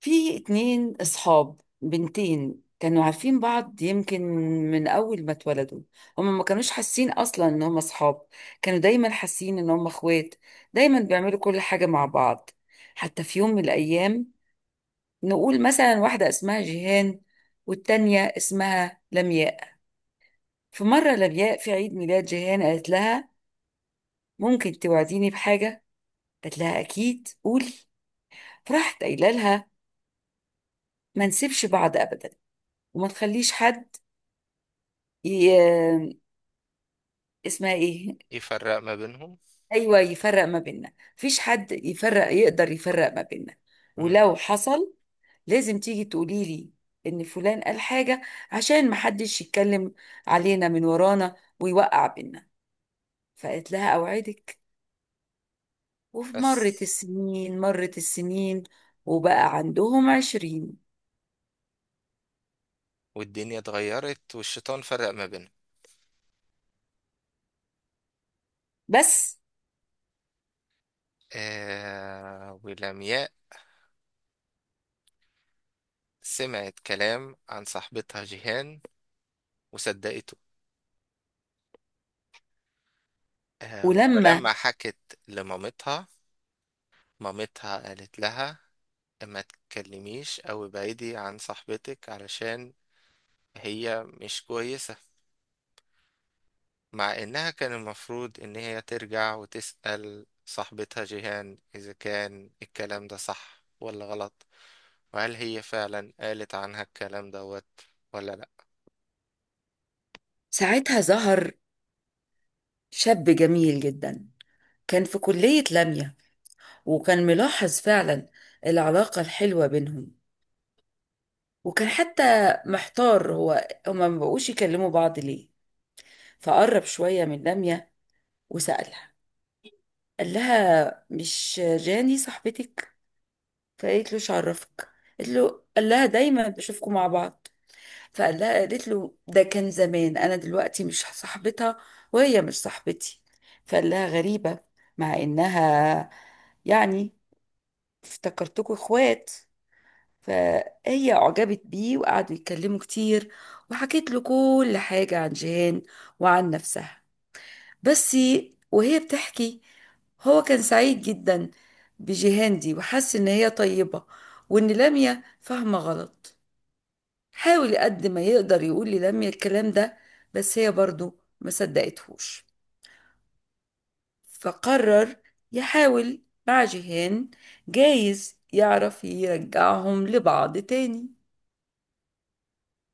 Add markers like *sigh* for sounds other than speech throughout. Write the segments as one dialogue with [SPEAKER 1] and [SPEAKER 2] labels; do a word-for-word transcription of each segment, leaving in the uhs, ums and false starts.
[SPEAKER 1] في اتنين اصحاب بنتين كانوا عارفين بعض يمكن من اول ما اتولدوا. هما ما كانوش حاسين اصلا ان هما اصحاب، كانوا دايما حاسين ان هما اخوات، دايما بيعملوا كل حاجة مع بعض. حتى في يوم من الايام، نقول مثلا واحدة اسمها جيهان والتانية اسمها لمياء. في مرة لمياء في عيد ميلاد جيهان قالت لها ممكن توعديني بحاجة؟ قالت لها اكيد قولي. فراحت قايله لها ما نسيبش بعض ابدا وما تخليش حد اسمها ايه.
[SPEAKER 2] يفرق ما بينهم.
[SPEAKER 1] ايوه يفرق ما بيننا، مفيش حد يفرق يقدر يفرق ما بيننا.
[SPEAKER 2] مم.
[SPEAKER 1] ولو حصل لازم تيجي تقولي لي ان فلان قال حاجه، عشان محدش يتكلم علينا من ورانا ويوقع بينا. فقالت لها اوعدك. ومرت
[SPEAKER 2] بس
[SPEAKER 1] السنين مرت السنين، وبقى عندهم عشرين.
[SPEAKER 2] والدنيا اتغيرت والشيطان فرق ما بينهم.
[SPEAKER 1] بس
[SPEAKER 2] آه، ولمياء سمعت كلام عن صاحبتها جيهان وصدقته. آه،
[SPEAKER 1] ولما
[SPEAKER 2] ولما حكت لمامتها، مامتها قالت لها ما تكلميش او ابعدي عن صاحبتك علشان هي مش كويسة، مع انها كان المفروض ان هي ترجع وتسأل صاحبتها جيهان اذا كان الكلام ده صح ولا غلط، وهل هي فعلا قالت عنها الكلام دوت ولا لا.
[SPEAKER 1] ساعتها ظهر شاب جميل جدا، كان في كلية لمية، وكان ملاحظ فعلا العلاقة الحلوة بينهم، وكان حتى محتار هو هما ما بقوش يكلموا بعض ليه. فقرب شوية من دامية وسألها، قال لها مش جاني صاحبتك؟ فقالت له "إيش عرفك؟" قالت له قال لها دايما بشوفكم مع بعض. فقال لها قالت له ده كان زمان، انا دلوقتي مش صاحبتها وهي مش صاحبتي. فقال لها غريبة، مع انها يعني افتكرتكم اخوات. فهي أعجبت بيه وقعدوا يتكلموا كتير، وحكيت له كل حاجة عن جيهان وعن نفسها. بس وهي بتحكي، هو كان سعيد جدا بجيهان دي وحس إن هي طيبة، وإن لميا فاهمة غلط. حاول قد ما يقدر يقول للميا الكلام ده، بس هي برضو ما صدقتهوش. فقرر يحاول مع جيهان، جايز يعرف يرجعهم لبعض تاني.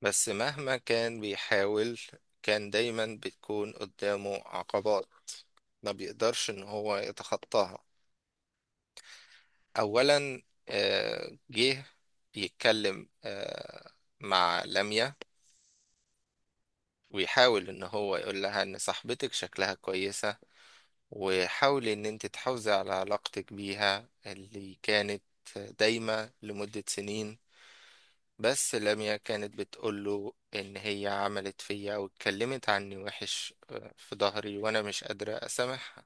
[SPEAKER 2] بس مهما كان بيحاول، كان دايما بتكون قدامه عقبات ما بيقدرش ان هو يتخطاها. اولا، آه، جه يتكلم آه، مع لميا، ويحاول ان هو يقول لها ان صاحبتك شكلها كويسة، وحاولي ان انت تحافظي على علاقتك بيها اللي كانت دايمة لمدة سنين. بس لميا كانت بتقوله إن هي عملت فيا أو اتكلمت عني وحش آه، في ظهري، وأنا مش قادرة أسامحها.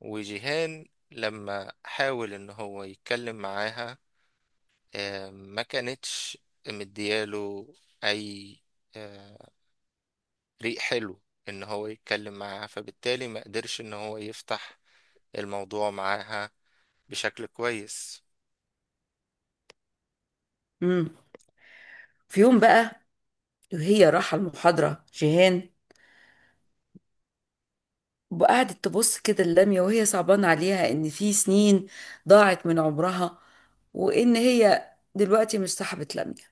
[SPEAKER 2] وجيهان لما حاول إن هو يتكلم معاها، آه، ما كانتش مدياله أي آه، ريق حلو إن هو يتكلم معاها، فبالتالي ما قدرش إن هو يفتح الموضوع معاها بشكل كويس.
[SPEAKER 1] مم. في يوم بقى وهي راحة المحاضرة جيهان، وقعدت تبص كده اللمية وهي صعبان عليها إن في سنين ضاعت من عمرها، وإن هي دلوقتي مش صاحبة لمية.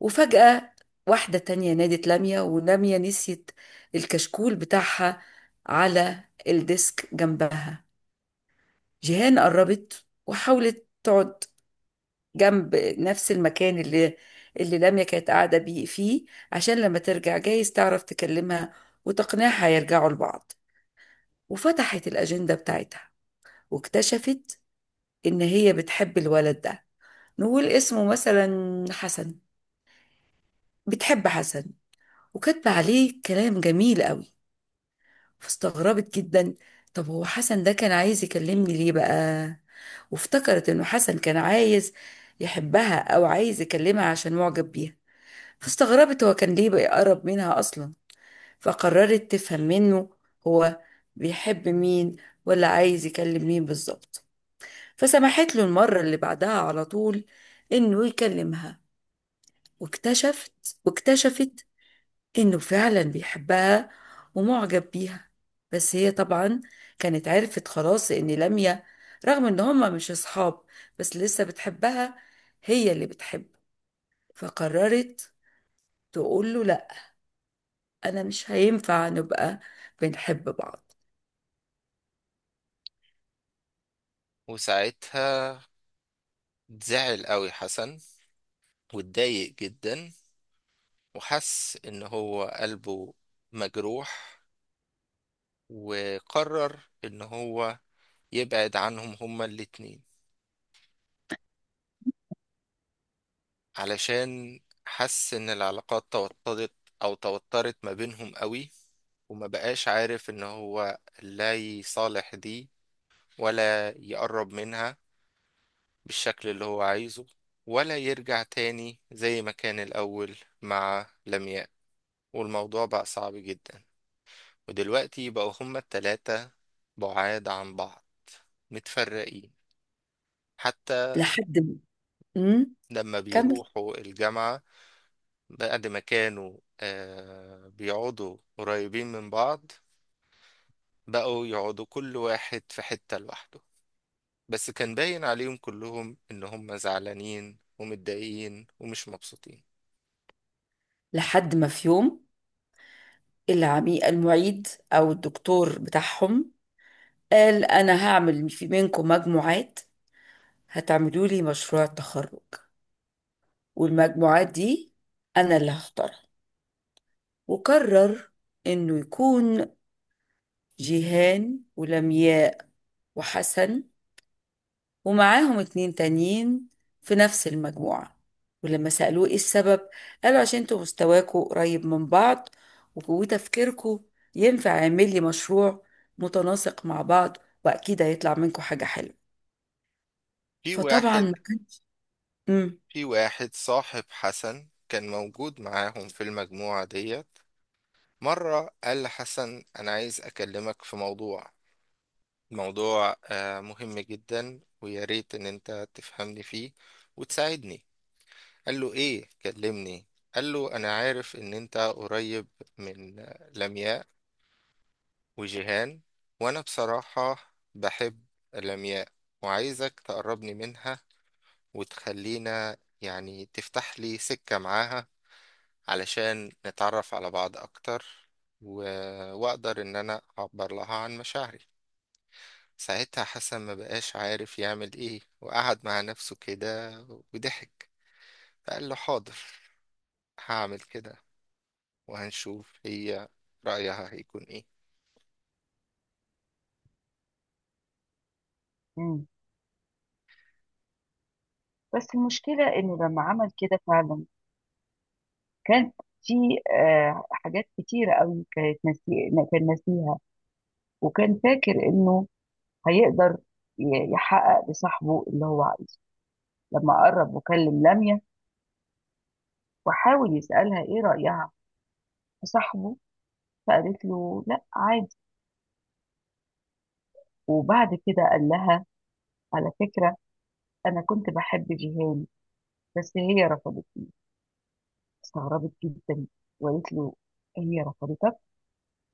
[SPEAKER 1] وفجأة واحدة تانية نادت لمية، ولمية نسيت الكشكول بتاعها على الديسك جنبها. جيهان قربت وحاولت تقعد جنب نفس المكان اللي اللي لمية كانت قاعدة بيه فيه، عشان لما ترجع جايز تعرف تكلمها وتقنعها يرجعوا لبعض. وفتحت الأجندة بتاعتها واكتشفت إن هي بتحب الولد ده، نقول اسمه مثلا حسن. بتحب حسن وكاتبة عليه كلام جميل قوي. فاستغربت جدا، طب هو حسن ده كان عايز يكلمني ليه بقى؟ وافتكرت إنه حسن كان عايز يحبها أو عايز يكلمها عشان معجب بيها. فاستغربت هو كان ليه بيقرب منها أصلا. فقررت تفهم منه هو بيحب مين ولا عايز يكلم مين بالظبط. فسمحت له المرة اللي بعدها على طول إنه يكلمها، واكتشفت واكتشفت إنه فعلا بيحبها ومعجب بيها. بس هي طبعا كانت عرفت خلاص إن لميا، رغم إن هما مش أصحاب، بس لسه بتحبها هي اللي بتحب. فقررت تقول له لأ، أنا مش هينفع نبقى بنحب بعض.
[SPEAKER 2] وساعتها زعل قوي حسن، واتضايق جدا، وحس ان هو قلبه مجروح، وقرر ان هو يبعد عنهم هما الاتنين، علشان حس ان العلاقات توترت او توترت ما بينهم قوي، وما بقاش عارف ان هو لا يصالح دي ولا يقرب منها بالشكل اللي هو عايزه، ولا يرجع تاني زي ما كان الاول مع لمياء. والموضوع بقى صعب جدا، ودلوقتي بقوا هما التلاتة بعاد عن بعض، متفرقين حتى
[SPEAKER 1] لحد ما أمم،
[SPEAKER 2] لما
[SPEAKER 1] كمل.
[SPEAKER 2] بيروحوا الجامعة. بعد ما كانوا آه بيقعدوا قريبين من بعض، بقوا يقعدوا كل واحد في حتة لوحده، بس كان باين عليهم كلهم إن هما زعلانين ومتضايقين ومش مبسوطين.
[SPEAKER 1] لحد ما في يوم العميق المعيد أو الدكتور بتاعهم قال انا هعمل في منكم مجموعات، هتعملوا لي مشروع تخرج، والمجموعات دي انا اللي هختارها. وقرر انه يكون جيهان ولمياء وحسن ومعاهم اتنين تانيين في نفس المجموعة. ولما سألوه ايه السبب، قالوا عشان انتوا مستواكوا قريب من بعض وتفكيركوا ينفع يعمل لي مشروع متناسق مع بعض، واكيد هيطلع منكم حاجة حلوة.
[SPEAKER 2] في
[SPEAKER 1] فطبعا
[SPEAKER 2] واحد
[SPEAKER 1] ما كانش.
[SPEAKER 2] في واحد صاحب حسن كان موجود معاهم في المجموعة ديت، مرة قال لحسن أنا عايز أكلمك في موضوع، موضوع آه، مهم جدا ويا ريت ان انت تفهمني فيه وتساعدني. قال له ايه، كلمني. قال له انا عارف ان انت قريب من آه، لمياء وجيهان، وانا بصراحة بحب لمياء، وعايزك تقربني منها وتخلينا، يعني تفتح لي سكة معاها علشان نتعرف على بعض اكتر، و... واقدر ان انا اعبر لها عن مشاعري. ساعتها حسن ما بقاش عارف يعمل ايه، وقعد مع نفسه كده وضحك. فقال له حاضر، هعمل كده، وهنشوف هي رأيها هيكون ايه.
[SPEAKER 1] مم. بس المشكلة إنه لما عمل كده فعلا، كان في آه، حاجات كتيرة قوي كانت ناسي... كان ناسيها، وكان فاكر إنه هيقدر ي- يحقق لصاحبه اللي هو عايزه. لما قرب وكلم لميا وحاول يسألها إيه رأيها في صاحبه، فقالت له لأ عادي. وبعد كده قال لها على فكرة أنا كنت بحب جيهان، بس هي رفضت. استغربت جدا وقالت له هي رفضتك؟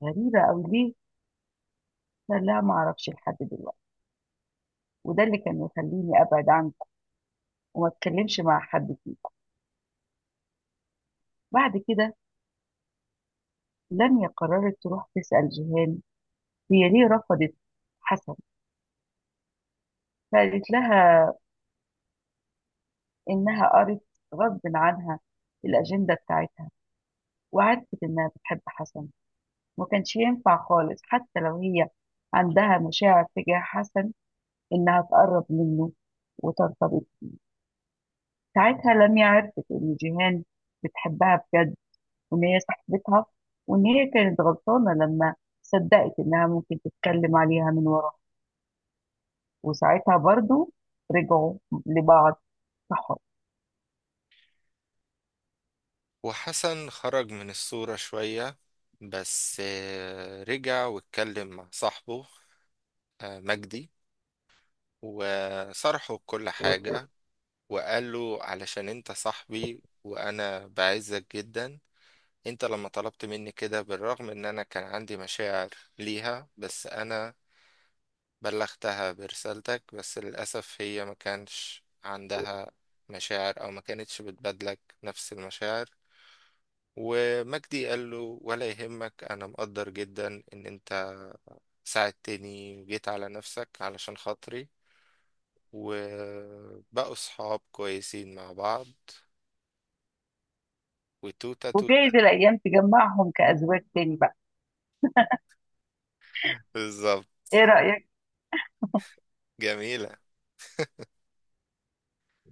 [SPEAKER 1] غريبة أوي ليه؟ قال لها معرفش لحد دلوقتي، وده اللي كان يخليني أبعد عنك وما أتكلمش مع حد فيه. بعد كده لميا قررت تروح تسأل جيهان هي ليه رفضت حسن. فقالت لها إنها قرت غصب عنها الأجندة بتاعتها، وعرفت إنها بتحب حسن، ما كانش ينفع خالص حتى لو هي عندها مشاعر تجاه حسن إنها تقرب منه وترتبط. ساعتها لميا عرفت إن جيهان بتحبها بجد وان هي صاحبتها، وان هي كانت غلطانه لما صدقت انها ممكن تتكلم عليها من ورا. وساعتها برضو رجعوا لبعض صحاب.
[SPEAKER 2] وحسن خرج من الصورة شوية، بس آه، رجع واتكلم مع صاحبه آه، مجدي، وصرحه كل حاجة، وقال له علشان انت صاحبي وانا بعزك جدا، انت لما طلبت مني كده بالرغم ان انا كان عندي مشاعر ليها، بس انا بلغتها برسالتك، بس للأسف هي ما كانش عندها مشاعر أو ما كانتش بتبادلك نفس المشاعر. ومجدي قال له ولا يهمك، أنا مقدر جدا إن أنت ساعدتني وجيت على نفسك علشان خاطري. وبقوا صحاب كويسين مع بعض. وتوتة توتة.
[SPEAKER 1] وجايز الايام تجمعهم كازواج تاني بقى.
[SPEAKER 2] *laughs* بالظبط.
[SPEAKER 1] ايه رايك؟
[SPEAKER 2] جميلة.